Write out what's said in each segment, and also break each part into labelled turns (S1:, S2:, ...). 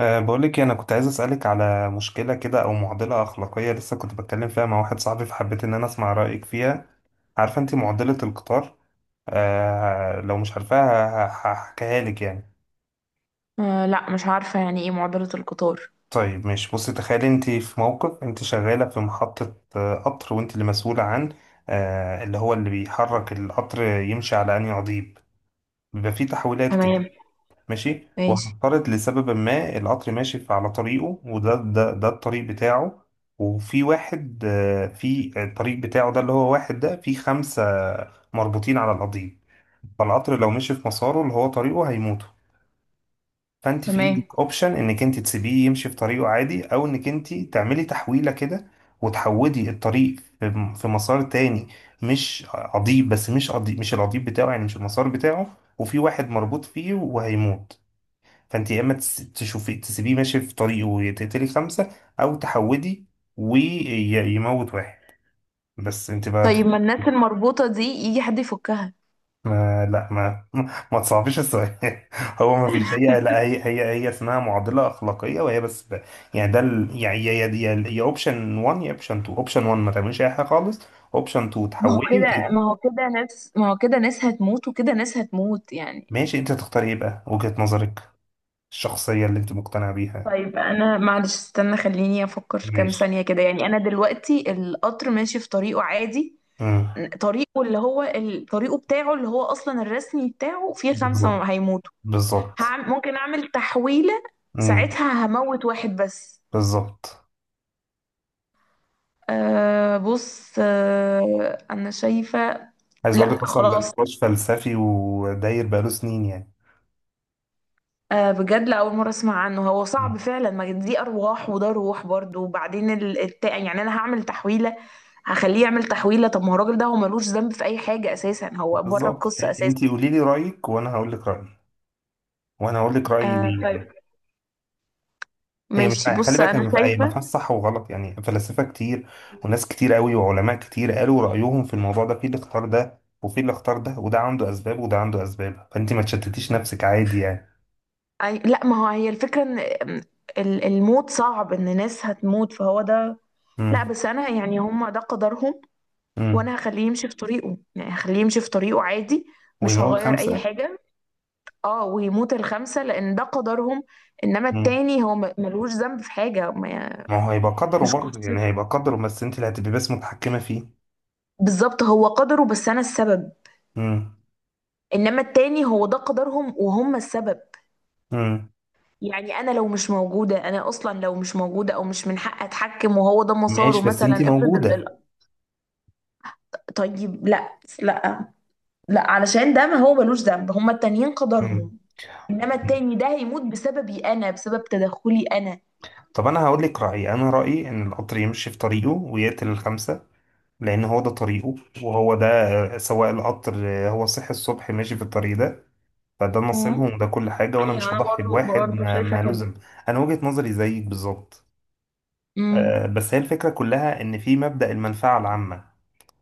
S1: بقولك إيه، انا كنت عايز اسالك على مشكله كده او معضله اخلاقيه لسه كنت بتكلم فيها مع واحد صاحبي فحبيت ان انا اسمع رايك فيها. عارفه انت معضله القطار؟ لو مش عارفاها هحكيها لك يعني.
S2: آه، لا، مش عارفة يعني ايه معضلة القطار؟
S1: طيب ماشي بصي، تخيلي انت في موقف، انت شغاله في محطه قطر، وانت اللي مسؤوله عن اللي هو اللي بيحرك القطر يمشي على انهي قضيب. بيبقى فيه تحويلات كده.
S2: تمام.
S1: ماشي،
S2: ماشي.
S1: وهنفترض لسبب ما القطر ماشي على طريقه، وده ده ده الطريق بتاعه. وفي واحد في الطريق بتاعه ده، اللي هو واحد ده في خمسة مربوطين على القضيب. فالقطر لو مشي في مساره اللي هو طريقه هيموتوا. فانت في
S2: تمام.
S1: ايدك اوبشن انك انت تسيبيه يمشي في طريقه عادي، او انك انت تعملي تحويلة كده وتحودي الطريق في مسار تاني. مش قضيب بس، مش قضيب، مش القضيب بتاعه يعني، مش المسار بتاعه. وفي واحد مربوط فيه وهيموت. فانت يا اما تشوفي تسيبيه ماشي في طريقه وتقتلي خمسه، او تحودي ويموت واحد. بس انت بقى تخ-.
S2: طيب، ما الناس المربوطة دي يجي حد يفكها؟
S1: ما لا ما ما تصعبيش السؤال هو ما فيش، هي لا، هي اسمها معضله اخلاقيه، وهي بس ب... يعني ده ال... يعني يا اوبشن 1 يا اوبشن 2. اوبشن 1، ما تعمليش اي حاجه خالص. اوبشن 2، تحولي وت...
S2: ما هو كده ناس هتموت وكده ناس هتموت يعني.
S1: ماشي، انت تختاري ايه بقى؟ وجهه نظرك الشخصيه اللي انت مقتنعه بيها.
S2: طيب، انا معلش، استنى خليني افكر كام
S1: ماشي.
S2: ثانية كده يعني، انا دلوقتي القطر ماشي في طريقه عادي.
S1: امم
S2: طريقه اللي هو طريقه بتاعه اللي هو اصلا الرسمي بتاعه، فيه خمسة
S1: بالظبط.
S2: هيموتوا.
S1: بالظبط.
S2: ممكن اعمل تحويلة.
S1: امم
S2: ساعتها هموت واحد بس.
S1: بالظبط.
S2: أه، بص، انا شايفة.
S1: عايز اقول
S2: لا،
S1: لك اصلا ده
S2: خلاص.
S1: نقاش فلسفي وداير بقاله سنين يعني.
S2: أه، بجد لأول مرة اسمع عنه، هو صعب
S1: مم.
S2: فعلا، ما دي ارواح وده روح برضو، وبعدين يعني انا هعمل تحويلة. هخليه يعمل تحويلة. طب ما هو الراجل ده هو ملوش ذنب في اي حاجة اساسا، هو بره
S1: بالظبط.
S2: القصة اساسا.
S1: انت قولي لي رايك وانا هقول لك رايي، وانا هقول لك رايي
S2: آه،
S1: ليه
S2: طيب.
S1: يعني. هي مش،
S2: ماشي،
S1: خلي
S2: بص،
S1: بالك، هي ما
S2: انا
S1: في- هي ما
S2: شايفه.
S1: فيهاش صح وغلط يعني. فلاسفه كتير وناس كتير قوي وعلماء كتير قالوا رايهم في الموضوع ده، في اللي اختار ده وفي اللي اختار ده، وده عنده اسباب وده عنده اسباب، فانت ما تشتتيش نفسك عادي يعني.
S2: لا، ما هو هي الفكره ان الموت صعب ان ناس هتموت، فهو ده. لا،
S1: امم
S2: بس انا يعني هم ده قدرهم.
S1: امم
S2: وانا هخليه يمشي في طريقه، يعني هخليه يمشي في طريقه عادي. مش
S1: ويموت
S2: هغير اي
S1: خمسه.
S2: حاجه. اه، ويموت الخمسه لان ده قدرهم. انما
S1: امم
S2: التاني هو ملوش ذنب في حاجه ما.
S1: ما هو هيبقى قدره
S2: مش
S1: برضه
S2: قصته.
S1: يعني، هيبقى قدره بس انت اللي هتبقي بس متحكمه فيه.
S2: بالظبط، هو قدره بس انا السبب. انما التاني هو ده قدرهم وهم السبب.
S1: امم
S2: يعني انا لو مش موجوده، انا اصلا لو مش موجوده او مش من حق اتحكم، وهو ده مساره
S1: ماشي بس انت
S2: مثلا، افرض
S1: موجودة.
S2: طيب، لا، لا. لا علشان ده، ما هو ملوش ذنب، هما التانيين
S1: مم.
S2: قدرهم. انما التاني ده هيموت بسببي انا، بسبب تدخلي انا.
S1: طب انا هقول لك رأيي، انا رأيي ان القطر يمشي في طريقه ويقتل الخمسة، لان هو ده طريقه وهو ده سواق القطر هو صحي الصبح ماشي في الطريق ده. فده
S2: امم.
S1: نصيبهم وده كل حاجة، وانا
S2: ايوه،
S1: مش
S2: انا
S1: هضحي
S2: برضو
S1: بواحد
S2: برضو شايفه
S1: ما
S2: كده.
S1: لزم. انا وجهة نظري زيك بالظبط.
S2: امم.
S1: بس هي الفكرة كلها ان في مبدأ المنفعة العامة.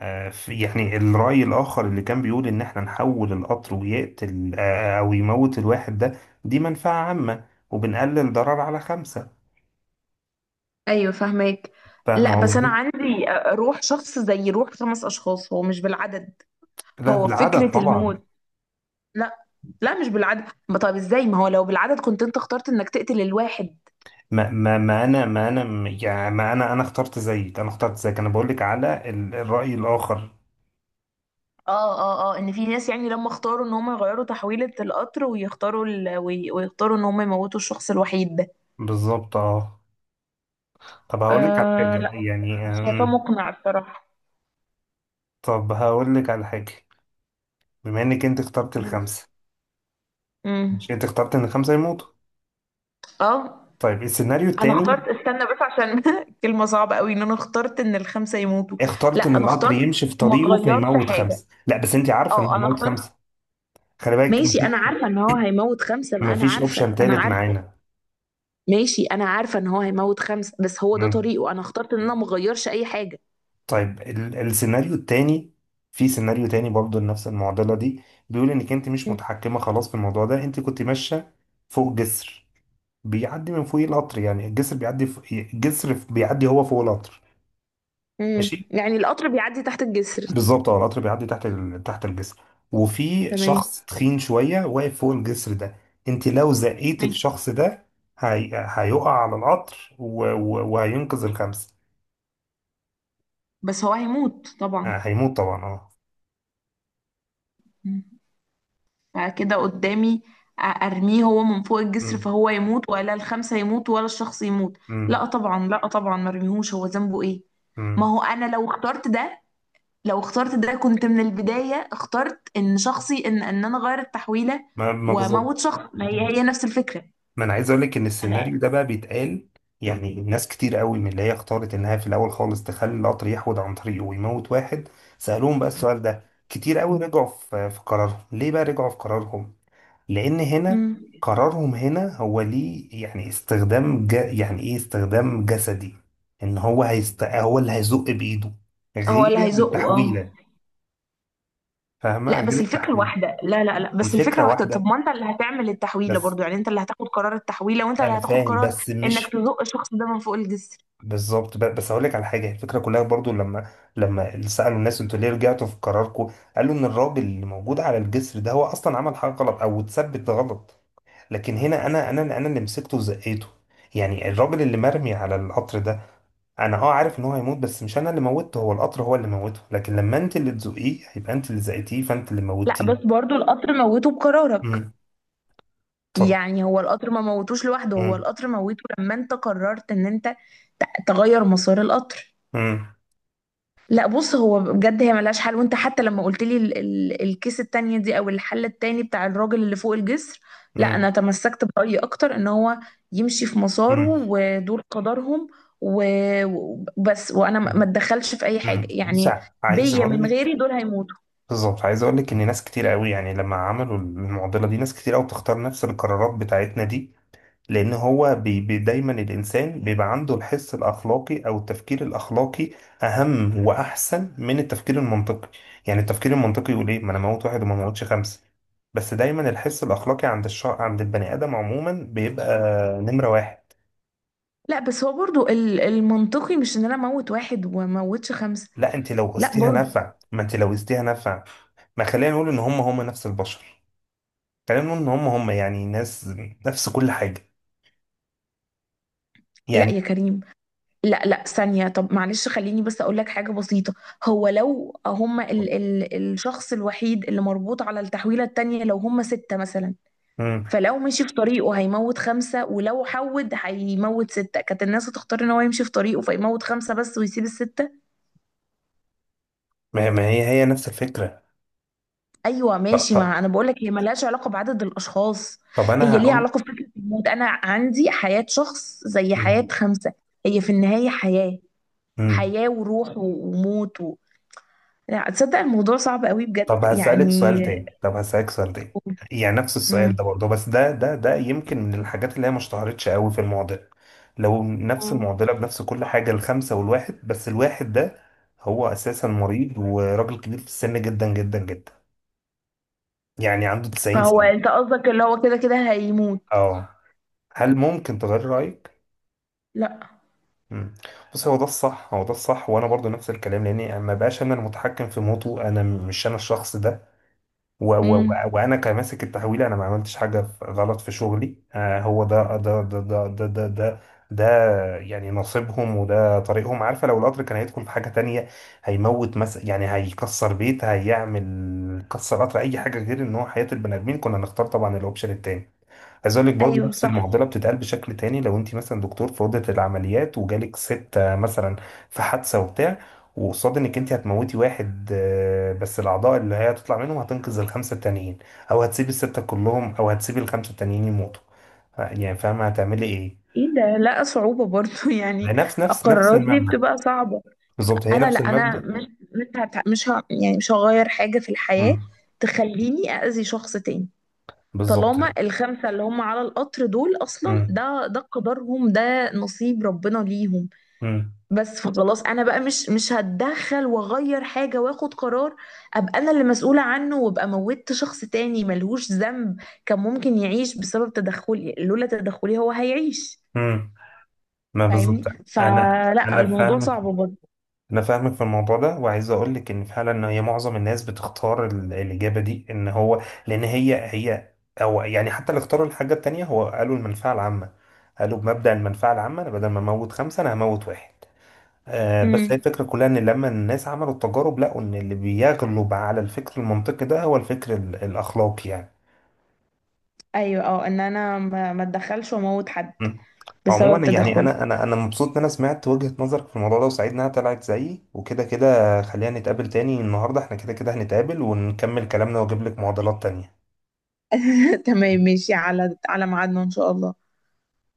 S1: يعني الرأي الآخر اللي كان بيقول إن إحنا نحول القطر ويقتل أو يموت الواحد ده، دي منفعة عامة وبنقلل ضرر على خمسة.
S2: ايوه، فاهماك.
S1: فاهم
S2: لا، بس انا
S1: قصدي؟
S2: عندي روح شخص زي روح خمس اشخاص، هو مش بالعدد.
S1: لا،
S2: هو
S1: بالعدد
S2: فكرة
S1: طبعا.
S2: الموت. لا. لا، مش بالعدد، ما طب ازاي؟ ما هو لو بالعدد كنت انت اخترت انك تقتل الواحد.
S1: ما ما ما أنا ما أنا م- يعني ما أنا أنا اخترت زيك، أنا بقول لك على الرأي الآخر.
S2: اه، اه، اه، ان في ناس يعني لما اختاروا ان هم يغيروا تحويلة القطر، ويختاروا ويختاروا ان هم يموتوا الشخص الوحيد ده.
S1: بالظبط أه. طب هقول لك على
S2: أه،
S1: حاجة
S2: لا،
S1: يعني
S2: مش شايفاه مقنع الصراحة.
S1: طب هقول لك على حاجة. بما إنك أنت اخترت الخمسة،
S2: امم.
S1: مش أنت اخترت إن الخمسة يموتوا.
S2: اه،
S1: طيب السيناريو
S2: انا اخترت،
S1: التاني.
S2: استنى بس عشان كلمة صعبة قوي ان انا اخترت ان الخمسة يموتوا. لا،
S1: اخترت ان
S2: انا
S1: القطر
S2: اخترت.
S1: يمشي في
S2: ما
S1: طريقه
S2: غيرش
S1: فيموت
S2: حاجة.
S1: خمسه، لا بس انت عارفه
S2: اه،
S1: انه
S2: انا
S1: يموت
S2: اخترت.
S1: خمسه. خلي بالك
S2: ماشي،
S1: مفيش،
S2: انا عارفة ان هو هيموت خمسة، ما انا
S1: مفيش
S2: عارفة،
S1: اوبشن
S2: انا
S1: تالت
S2: عارفة.
S1: معانا.
S2: ماشي، انا عارفة ان هو هيموت خمسة، بس هو ده
S1: مم.
S2: طريقه، انا اخترت ان انا مغيرش اي حاجة.
S1: طيب ال السيناريو التاني، في سيناريو تاني برضه لنفس المعضله دي. بيقول انك انت مش
S2: مم.
S1: متحكمه خلاص في الموضوع ده، انت كنت ماشيه فوق جسر بيعدي من فوق القطر، يعني الجسر بيعدي فوق، الجسر بيعدي هو فوق القطر.
S2: امم،
S1: ماشي.
S2: يعني القطر بيعدي تحت الجسر.
S1: بالظبط اه، القطر بيعدي تحت ال... تحت الجسر. وفي
S2: تمام.
S1: شخص تخين شوية واقف فوق الجسر ده. انت لو زقيت
S2: ماشي،
S1: الشخص ده، هي... هيقع على القطر و... و... وهينقذ الخمسة.
S2: بس هو هيموت طبعا.
S1: هيموت طبعا اه.
S2: مم. فكده قدامي، ارميه هو من فوق الجسر
S1: مم.
S2: فهو يموت، ولا الخمسة يموتوا، ولا الشخص يموت؟
S1: مم.
S2: لا طبعا، لا طبعا، ما ارميهوش، هو ذنبه ايه؟ ما
S1: مم.
S2: هو انا لو اخترت ده، لو اخترت ده كنت من البداية اخترت ان شخصي، ان انا غير التحويلة.
S1: ما ما بالظبط.
S2: واموت شخص، ما هي هي نفس الفكرة.
S1: ما انا عايز اقول لك ان
S2: انا.
S1: السيناريو ده بقى بيتقال، يعني ناس كتير قوي من اللي هي اختارت انها في الاول خالص تخلي القطر يحود عن طريقه ويموت واحد، سألوهم بقى السؤال ده كتير قوي، رجعوا في قرارهم. ليه بقى رجعوا في قرارهم؟ لان هنا
S2: مم.
S1: قرارهم هنا هو ليه يعني استخدام ج... يعني ايه، استخدام جسدي، ان هو هيست... هو اللي هيزق بايده،
S2: هو اللي
S1: غير
S2: هيزقه، اه.
S1: التحويله. فاهمه؟
S2: لا،
S1: غير
S2: بس الفكرة
S1: التحويل،
S2: واحدة، لا، لا، لا، بس الفكرة
S1: الفكره
S2: واحدة، طب
S1: واحده
S2: ما انت اللي هتعمل التحويلة
S1: بس.
S2: برضو يعني، انت اللي هتاخد قرار التحويلة وانت اللي
S1: انا
S2: هتاخد
S1: فاهم
S2: قرار
S1: بس
S2: انك
S1: مش
S2: تزق الشخص ده من فوق الجسر.
S1: بالظبط. بس اقول لك على حاجه، الفكره كلها برضو لما، لما سالوا الناس انتوا ليه رجعتوا في قراركم، قالوا ان الراجل اللي موجود على الجسر ده هو اصلا عمل حاجه غلط او اتثبت غلط، لكن هنا انا اللي مسكته وزقيته، يعني الراجل اللي مرمي على القطر ده، انا اه عارف ان هو هيموت بس مش انا اللي موتته، هو القطر هو اللي موته، لكن لما انت اللي تزقيه هيبقى انت اللي زقتيه فانت اللي
S2: لا، بس
S1: موتيه.
S2: برضو القطر موته بقرارك.
S1: امم طب.
S2: يعني هو القطر ما موتوش لوحده، هو
S1: امم
S2: القطر موته لما انت قررت ان انت تغير مسار القطر.
S1: امم
S2: لا بص، هو بجد هي ملهاش حل، وانت حتى لما قلت لي ال الكيس التانية دي، او الحل التاني بتاع الراجل اللي فوق الجسر، لا،
S1: امم
S2: انا تمسكت برأيي اكتر ان هو يمشي في مساره
S1: امم
S2: ودول قدرهم. وبس، وانا ما اتدخلش في اي حاجة
S1: أمم. بص
S2: يعني.
S1: عايز
S2: بيا،
S1: اقول
S2: من
S1: لك.
S2: غيري دول هيموتوا.
S1: بالظبط، عايز اقول لك ان ناس كتير قوي يعني لما عملوا المعضله دي ناس كتير قوي بتختار نفس القرارات بتاعتنا دي، لان هو بي بي دايما الانسان بيبقى عنده الحس الاخلاقي او التفكير الاخلاقي اهم واحسن من التفكير المنطقي. يعني التفكير المنطقي يقول ايه، ما انا موت واحد وما موتش خمسه. بس دايما الحس الاخلاقي عند الش... عند البني ادم عموما بيبقى نمره واحد.
S2: لا، بس هو برضو المنطقي مش ان انا اموت واحد وموتش خمسه.
S1: لا انت لو
S2: لا
S1: قستيها
S2: برضو.
S1: نفع، ما انت لو قستيها نفع، ما خلينا نقول ان هم هم نفس البشر، خلينا نقول ان هم هم يعني ناس، نفس كل حاجه
S2: لا
S1: يعني.
S2: يا كريم. لا، لا، ثانيه، طب معلش خليني بس اقول لك حاجه بسيطه. هو لو هم ال الشخص الوحيد اللي مربوط على التحويله التانيه، لو هم سته مثلا،
S1: مم.
S2: فلو مشي في طريقه هيموت خمسه، ولو حود هيموت سته، كانت الناس هتختار ان هو يمشي في طريقه فيموت خمسه بس، ويسيب السته.
S1: ما ما هي هي نفس الفكره.
S2: ايوه
S1: طب,
S2: ماشي،
S1: طب,
S2: ما انا بقول لك هي ملهاش علاقه بعدد الاشخاص.
S1: طب انا
S2: هي ليها
S1: هقول.
S2: علاقه بفكره الموت، انا عندي حياه شخص زي حياه
S1: مم.
S2: خمسه. هي في النهايه حياه،
S1: مم.
S2: حياه وروح وموت لا تصدق الموضوع صعب قوي بجد يعني.
S1: طب هسألك سؤال تاني، يعني نفس السؤال
S2: امم.
S1: ده برضه، بس ده يمكن من الحاجات اللي هي ما اشتهرتش قوي في المعضلة. لو نفس
S2: مم.
S1: المعضلة بنفس كل حاجة، الخمسة والواحد، بس الواحد ده هو أساسا مريض وراجل كبير في السن جدا جدا جدا، يعني عنده 90
S2: فهو
S1: سنة.
S2: انت قصدك اللي هو كده كده هيموت؟
S1: اه، هل ممكن تغير رأيك؟
S2: لا.
S1: مم. بص هو ده الصح، هو ده الصح، وانا برضو نفس الكلام، لاني ما بقاش انا المتحكم في موته، انا مش انا الشخص ده، و و و
S2: امم.
S1: وانا كماسك التحويل انا ما عملتش حاجه غلط في شغلي. آه هو ده يعني نصيبهم وده طريقهم. عارفه لو القطر كان هيدخل في حاجه تانية، هيموت مثلا يعني، هيكسر بيت، هيعمل كسر قطر، اي حاجه غير ان هو حياه البني ادمين، كنا نختار طبعا الاوبشن التاني. عايز اقول لك برضه
S2: ايوه
S1: نفس
S2: صح.
S1: المعضله بتتقال بشكل تاني. لو انت مثلا دكتور في اوضه العمليات وجالك ست مثلا في حادثه وبتاع، وقصاد انك انت هتموتي واحد بس الاعضاء اللي هي هتطلع منهم هتنقذ الخمسه التانيين، او هتسيبي السته كلهم، او هتسيبي الخمسه التانيين يموتوا. يعني فاهمه هتعملي ايه؟
S2: ايه ده، لا، صعوبه برضو
S1: ما
S2: يعني.
S1: هي نفس
S2: القرارات دي
S1: المبدا.
S2: بتبقى صعبه.
S1: بالظبط هي
S2: لا،
S1: نفس
S2: انا
S1: المبدا.
S2: مش مش هت- مش ه... يعني مش هغير حاجه في الحياه،
S1: امم
S2: تخليني اذي شخص تاني.
S1: بالظبط.
S2: طالما الخمسه اللي هم على القطر دول اصلا،
S1: امم
S2: ده قدرهم، ده نصيب ربنا ليهم.
S1: امم
S2: بس فخلاص، انا بقى مش هتدخل واغير حاجه واخد قرار، ابقى انا اللي مسؤوله عنه، وابقى موتت شخص تاني ملهوش ذنب. كان ممكن يعيش بسبب تدخلي، لولا تدخلي هو هيعيش.
S1: امم ما بالظبط.
S2: فاهمني؟
S1: انا،
S2: فلا،
S1: انا
S2: الموضوع
S1: فاهمك،
S2: صعب برضه.
S1: انا فاهمك في الموضوع ده، وعايز اقول لك ان فعلا ان هي معظم الناس بتختار الاجابه دي ان هو، لان هي هي، او يعني حتى اللي اختاروا الحاجه التانيه هو قالوا المنفعه العامه، قالوا بمبدا المنفعه العامه انا بدل ما اموت خمسه انا هموت واحد. آه بس
S2: امم.
S1: هي الفكره كلها ان لما الناس عملوا التجارب لقوا ان اللي بيغلب على الفكر المنطقي ده هو الفكر الاخلاقي يعني.
S2: ايوه، اه، ان انا ما اتدخلش واموت حد
S1: مم.
S2: بسبب
S1: عموما يعني
S2: تدخلي.
S1: انا مبسوط ان انا سمعت وجهة نظرك في الموضوع ده، وسعيد انها طلعت زيي، وكده كده خلينا نتقابل تاني، النهارده احنا كده كده هنتقابل ونكمل كلامنا واجيب لك معضلات تانية.
S2: تمام ماشي، على ميعادنا ان شاء الله.